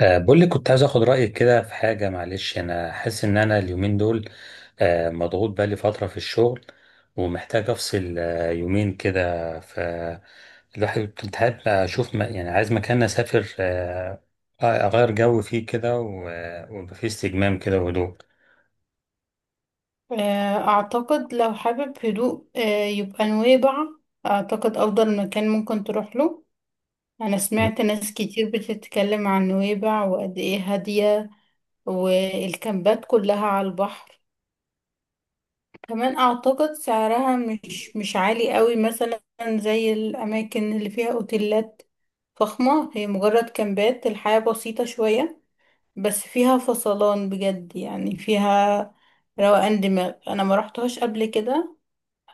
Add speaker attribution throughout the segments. Speaker 1: بقول لك كنت عايز اخد رايك كده في حاجه. معلش، انا حاسس ان انا اليومين دول مضغوط. بقالي فتره في الشغل، ومحتاج افصل يومين كده. الواحد كنت حابب اشوف، يعني عايز مكان اسافر، اغير جو فيه كده، ويبقى فيه استجمام كده وهدوء.
Speaker 2: أعتقد لو حابب هدوء يبقى نويبع. أعتقد أفضل مكان ممكن تروح له. أنا سمعت ناس كتير بتتكلم عن نويبع وقد إيه هادية، والكامبات كلها على البحر. كمان أعتقد سعرها مش عالي قوي، مثلا زي الأماكن اللي فيها أوتيلات فخمة. هي مجرد كامبات، الحياة بسيطة شوية بس فيها فصلان بجد، يعني فيها روقان دماغ. أنا ما رحتهاش قبل كده،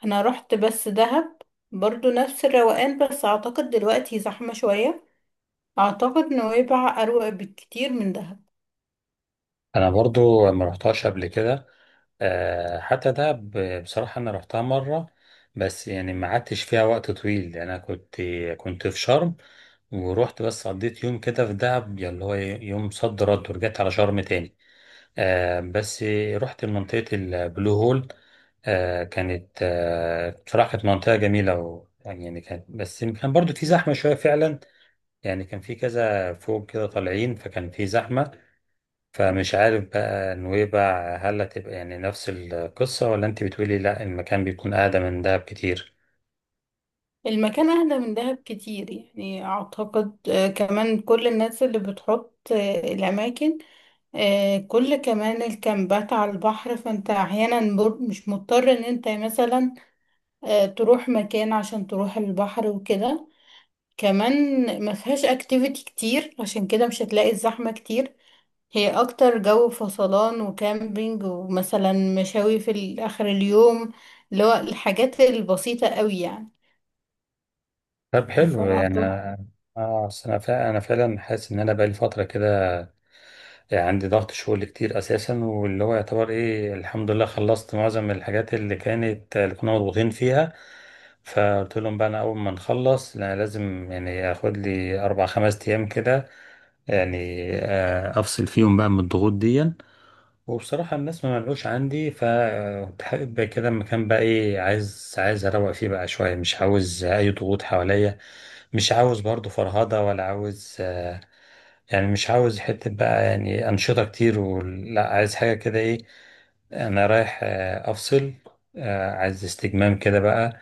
Speaker 2: انا رحت بس دهب، برضو نفس الروقان، بس اعتقد دلوقتي زحمة شوية. اعتقد نويبع اروق بكتير من دهب.
Speaker 1: انا برضو ما رحتهاش قبل كده. حتى ده، بصراحه انا رحتها مره، بس يعني ما قعدتش فيها وقت طويل. يعني انا كنت في شرم، ورحت بس قضيت يوم كده في دهب، يعني اللي هو إيه، يوم صد رد، ورجعت على شرم تاني. بس رحت منطقة البلو هول. كانت، بصراحة، كانت منطقة جميلة، و يعني كانت، بس كان برضو في زحمة شوية فعلا. يعني كان في كذا فوق كده طالعين، فكان في زحمة. فمش عارف بقى نويبع هل هتبقى يعني نفس القصة، ولا انت بتقولي لا، المكان بيكون أقدم من دهب كتير؟
Speaker 2: المكان اهدى من دهب كتير، يعني اعتقد كمان كل الناس اللي بتحط الاماكن، كمان الكامبات على البحر، فانت احيانا مش مضطر ان انت مثلا تروح مكان عشان تروح البحر وكده. كمان ما فيهاش اكتيفيتي كتير، عشان كده مش هتلاقي الزحمة كتير. هي اكتر جو فصلان وكامبينج، ومثلا مشاوي في اخر اليوم، اللي هو الحاجات البسيطة قوي يعني.
Speaker 1: طب حلو. يعني
Speaker 2: فأعتقد
Speaker 1: اه أصل انا فعلا، حاسس ان انا بقالي فترة كده عندي ضغط شغل كتير اساسا، واللي هو يعتبر ايه، الحمد لله، خلصت معظم الحاجات اللي كانت، اللي كنا مضغوطين فيها. فقلت لهم بقى انا اول ما نخلص، لا، لازم يعني اخد لي 4 5 ايام كده، يعني افصل فيهم بقى من الضغوط دي. وبصراحة الناس ما منعوش عندي، فكنت حابب كده مكان بقى، ايه، عايز اروق فيه بقى شوية. مش عاوز اي ضغوط حواليا، مش عاوز برضو فرهضة، ولا عاوز، يعني مش عاوز حتة بقى يعني أنشطة كتير، ولا عايز حاجة كده. إيه، أنا رايح، أفصل، عايز استجمام كده بقى،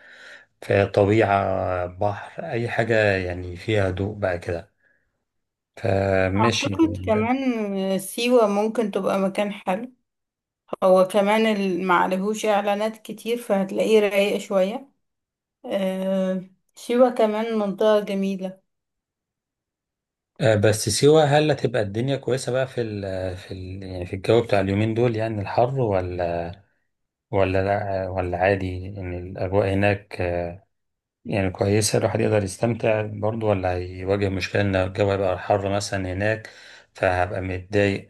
Speaker 1: في طبيعة، بحر، أي حاجة يعني فيها هدوء بقى كده. فماشي.
Speaker 2: أعتقد كمان سيوة ممكن تبقى مكان حلو. هو كمان معلهوش إعلانات كتير فهتلاقيه رايق شوية. آه، سيوة كمان منطقة جميلة.
Speaker 1: بس سيوة هل هتبقى الدنيا كويسة بقى في ال في ال يعني في الجو بتاع اليومين دول، يعني الحر، ولا ولا لا ولا عادي إن الأجواء هناك يعني كويسة، الواحد يقدر يستمتع برضه، ولا هيواجه مشكلة إن الجو هيبقى حر مثلا هناك فهبقى متضايق؟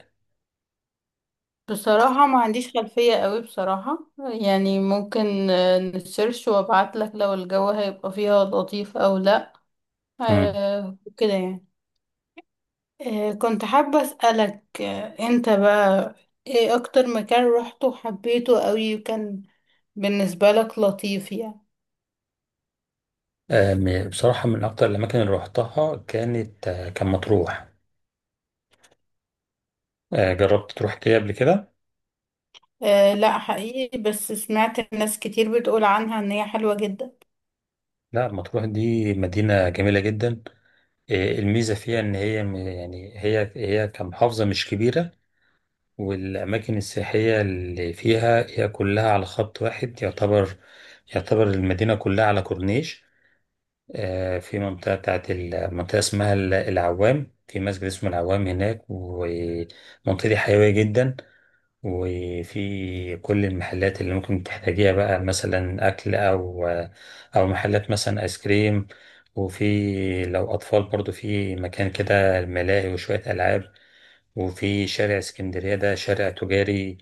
Speaker 2: بصراحة ما عنديش خلفية قوي بصراحة، يعني ممكن نسيرش وابعتلك لو الجو هيبقى فيها لطيف أو لأ،
Speaker 1: مم.
Speaker 2: كده يعني. كنت حابة أسألك أنت بقى إيه أكتر مكان روحته وحبيته قوي وكان بالنسبة لك لطيف يعني؟
Speaker 1: بصراحة من أكتر الأماكن اللي روحتها كانت، كان مطروح. جربت تروح كده قبل كده؟
Speaker 2: أه لا، حقيقي، بس سمعت ناس كتير بتقول عنها إن هي حلوة جدا.
Speaker 1: لا، مطروح دي مدينة جميلة جدا. الميزة فيها إن هي، يعني هي كمحافظة مش كبيرة، والأماكن السياحية اللي فيها هي كلها على خط واحد. يعتبر المدينة كلها على كورنيش. في منطقة، بتاعت المنطقة اسمها العوام، في مسجد اسمه العوام هناك، والمنطقة دي حيوية جدا، وفي كل المحلات اللي ممكن تحتاجيها بقى، مثلا أكل، أو محلات مثلا آيس كريم. وفي لو أطفال برضو في مكان كده ملاهي وشوية ألعاب. وفي شارع اسكندرية، ده شارع تجاري،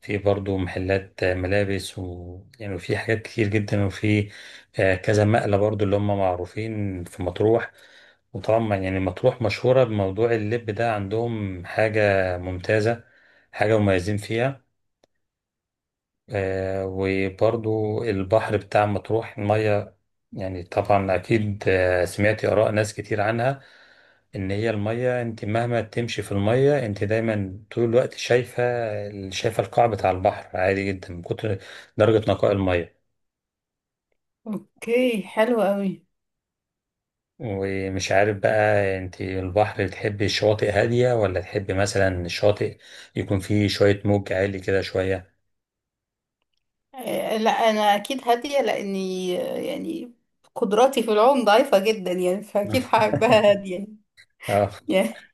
Speaker 1: في برضو محلات ملابس، و يعني في حاجات كتير جدا، وفي، كذا مقلة برضو اللي هم معروفين في مطروح. وطبعا يعني مطروح مشهورة بموضوع اللب ده، عندهم حاجة ممتازة، حاجة مميزين فيها. وبرضو البحر بتاع مطروح، المية، يعني طبعا أكيد سمعتي آراء ناس كتير عنها، إن هي المية، أنت مهما تمشي في المية، أنت دايما طول الوقت شايفة القاع بتاع البحر عادي جدا، من كتر درجة نقاء المية.
Speaker 2: أوكي، حلو قوي.
Speaker 1: ومش عارف بقى أنت البحر تحبي الشواطئ هادية، ولا تحبي مثلا الشاطئ يكون فيه شوية موج عالي كده شوية؟
Speaker 2: أه لا، أنا أكيد هادية، لأني يعني قدراتي في العوم ضعيفة جدا، يعني فأكيد هحبها هادية
Speaker 1: اه.
Speaker 2: يعني.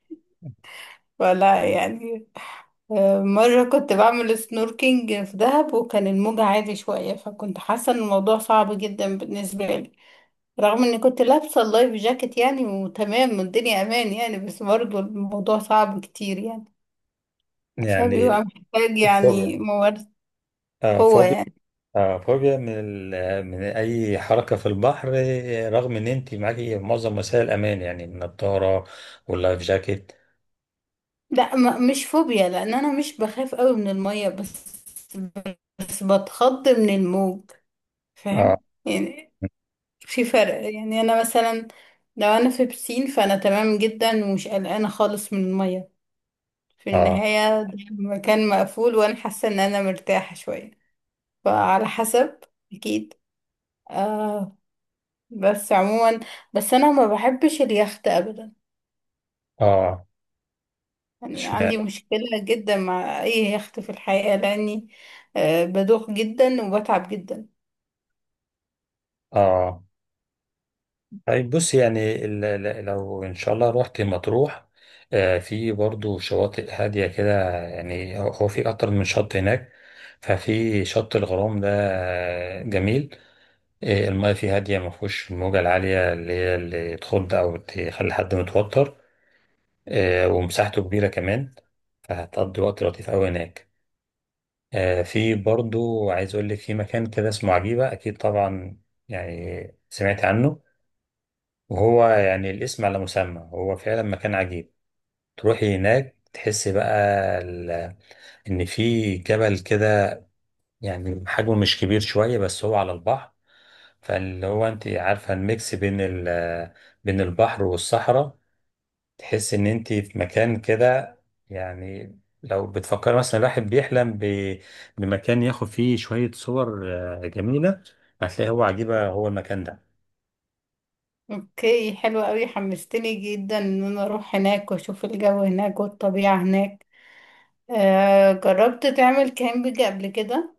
Speaker 2: ولا يعني مرة كنت بعمل سنوركينج في دهب وكان الموج عالي شوية، فكنت حاسة ان الموضوع صعب جدا بالنسبة لي، رغم اني كنت لابسة اللايف جاكيت يعني وتمام والدنيا امان يعني، بس برضه الموضوع صعب كتير يعني.
Speaker 1: يعني
Speaker 2: فبيبقى محتاج يعني
Speaker 1: فوبيا.
Speaker 2: ممارسة،
Speaker 1: اه
Speaker 2: قوة
Speaker 1: فوبيا.
Speaker 2: يعني.
Speaker 1: فوبيا من من اي حركه في البحر، رغم ان انت معاكي معظم وسائل الامان، يعني النضاره واللايف جاكيت.
Speaker 2: لا، مش فوبيا، لان انا مش بخاف قوي من المية، بس بتخض من الموج، فاهم
Speaker 1: اه.
Speaker 2: يعني؟ في فرق يعني. انا مثلا لو انا في بسين فانا تمام جدا ومش قلقانه خالص من الميه. في
Speaker 1: اه.
Speaker 2: النهايه ده مكان مقفول وانا حاسه ان انا مرتاحه شويه، فعلى حسب. اكيد. آه، بس عموما بس انا ما بحبش اليخت ابدا،
Speaker 1: اه.
Speaker 2: يعني عندي
Speaker 1: اشمعنى؟
Speaker 2: مشكله جدا مع اي يخت في الحقيقه، لاني آه بدوخ جدا وبتعب جدا.
Speaker 1: اه. طيب بص، يعني، لو ان شاء الله رحت مطروح، في برضو شواطئ هاديه كده. يعني هو في اكتر من شط هناك. ففي شط الغرام ده جميل. المياه فيه هاديه، ما فيهوش الموجه العاليه اللي هي اللي تخض او تخلي حد متوتر. ومساحته كبيرة كمان، فهتقضي وقت لطيف أوي هناك. في برضو، عايز أقول لك، في مكان كده اسمه عجيبة. أكيد طبعا يعني سمعت عنه، وهو يعني الاسم على مسمى، هو فعلا مكان عجيب. تروحي هناك تحسي بقى ال- إن في جبل كده، يعني حجمه مش كبير شوية بس هو على البحر، فاللي هو أنت عارفة الميكس بين بين البحر والصحراء. تحس ان انت في مكان كده، يعني لو بتفكر مثلا، الواحد بيحلم بمكان ياخد فيه شوية صور جميلة، هتلاقي هو عجيبة، هو المكان ده.
Speaker 2: اوكي، حلوة قوي، حمستني جدا ان انا اروح هناك واشوف الجو هناك والطبيعه هناك. آه، جربت تعمل كامبينج قبل كده؟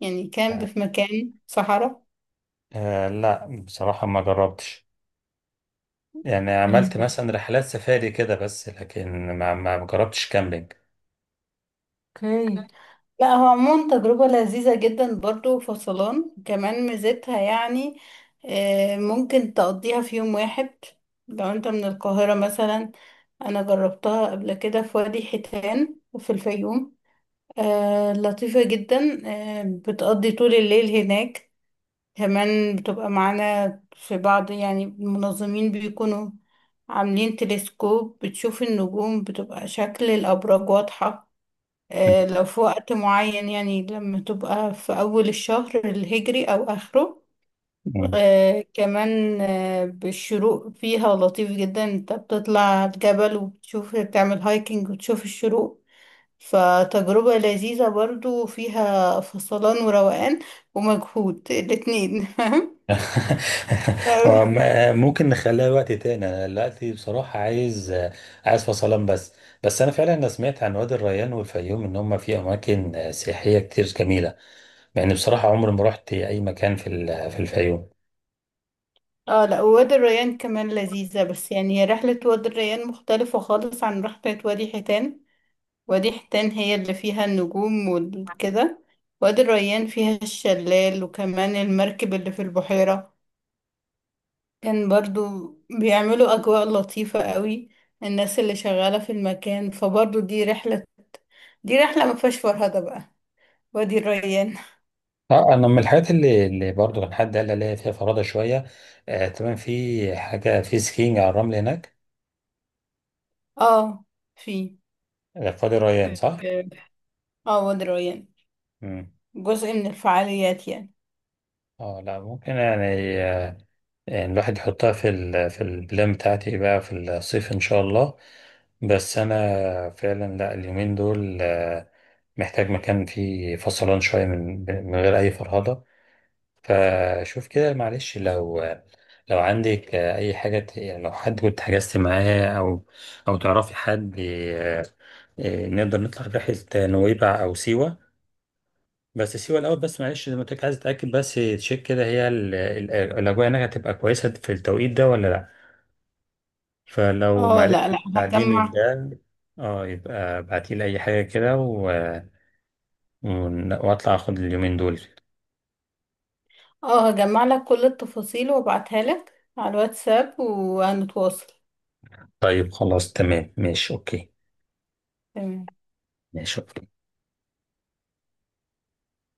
Speaker 2: يعني كامب في مكان صحراء؟
Speaker 1: لا، بصراحة ما جربتش. يعني
Speaker 2: إيه،
Speaker 1: عملت مثلا رحلات سفاري كده، بس لكن ما جربتش كامبينج.
Speaker 2: اوكي. لا، هو عموما تجربة لذيذة جدا، برضو فصلان، كمان ميزتها يعني آه ممكن تقضيها في يوم واحد لو انت من القاهرة مثلا. انا جربتها قبل كده في وادي حيتان وفي الفيوم، آه لطيفة جدا. آه، بتقضي طول الليل هناك، كمان بتبقى معانا في بعض، يعني المنظمين بيكونوا عاملين تلسكوب بتشوف النجوم، بتبقى شكل الأبراج واضحة لو في وقت معين، يعني لما تبقى في أول الشهر الهجري أو آخره. كمان بالشروق فيها لطيف جدا، انت بتطلع الجبل وبتشوف، بتعمل هايكنج وتشوف الشروق. فتجربة لذيذة برضو، فيها فصلان وروقان ومجهود الاتنين.
Speaker 1: وم- ممكن نخليها وقت تاني. انا دلوقتي بصراحة عايز فصلان بس. بس انا فعلا، سمعت عن وادي الريان والفيوم ان هم في اماكن سياحية كتير جميلة، مع اني بصراحة عمري ما رحت اي مكان في في الفيوم.
Speaker 2: اه لا، وادي الريان كمان لذيذة، بس يعني هي رحلة وادي الريان مختلفة خالص عن رحلة وادي حيتان. وادي حيتان هي اللي فيها النجوم وكده، وادي الريان فيها الشلال وكمان المركب اللي في البحيرة. كان برضو بيعملوا أجواء لطيفة قوي الناس اللي شغالة في المكان، فبرضو دي رحلة، دي رحلة ما فيهاش فرهدة بقى وادي الريان.
Speaker 1: اه، انا من الحاجات اللي برضه كان حد قال لي عليها فيها فرادة شوية. تمام، في حاجة في سكينج على الرمل هناك.
Speaker 2: اه، في
Speaker 1: في وادي الريان،
Speaker 2: في-
Speaker 1: صح؟
Speaker 2: اه وادي الريان
Speaker 1: مم.
Speaker 2: جزء من الفعاليات يعني.
Speaker 1: اه، لا ممكن، يعني آه، يعني الواحد يحطها في ال في البلان بتاعتي بقى في الصيف إن شاء الله. بس أنا فعلا، لا، اليومين دول محتاج مكان فيه فصلان شوية من غير أي فرهضة. فشوف كده معلش، لو عندك أي حاجة، يعني لو حد كنت حجزت معاه، أو تعرفي حد، نقدر نطلع رحلة نويبع أو سيوة. بس سيوة الأول، بس معلش زي ما قلت لك، عايز أتأكد بس، تشيك كده هي الأجواء هناك هتبقى كويسة في التوقيت ده ولا؟ فلو
Speaker 2: اه لا
Speaker 1: معرفتش
Speaker 2: لا،
Speaker 1: تساعديني في
Speaker 2: هجمع.
Speaker 1: ده. اه، يبقى ابعتيلي اي حاجة كده و... واطلع اخد اليومين دول.
Speaker 2: اه هجمع لك كل التفاصيل وابعتها لك على الواتساب وهنتواصل.
Speaker 1: طيب خلاص، تمام، ماشي، اوكي.
Speaker 2: تمام.
Speaker 1: ماشي، اوكي.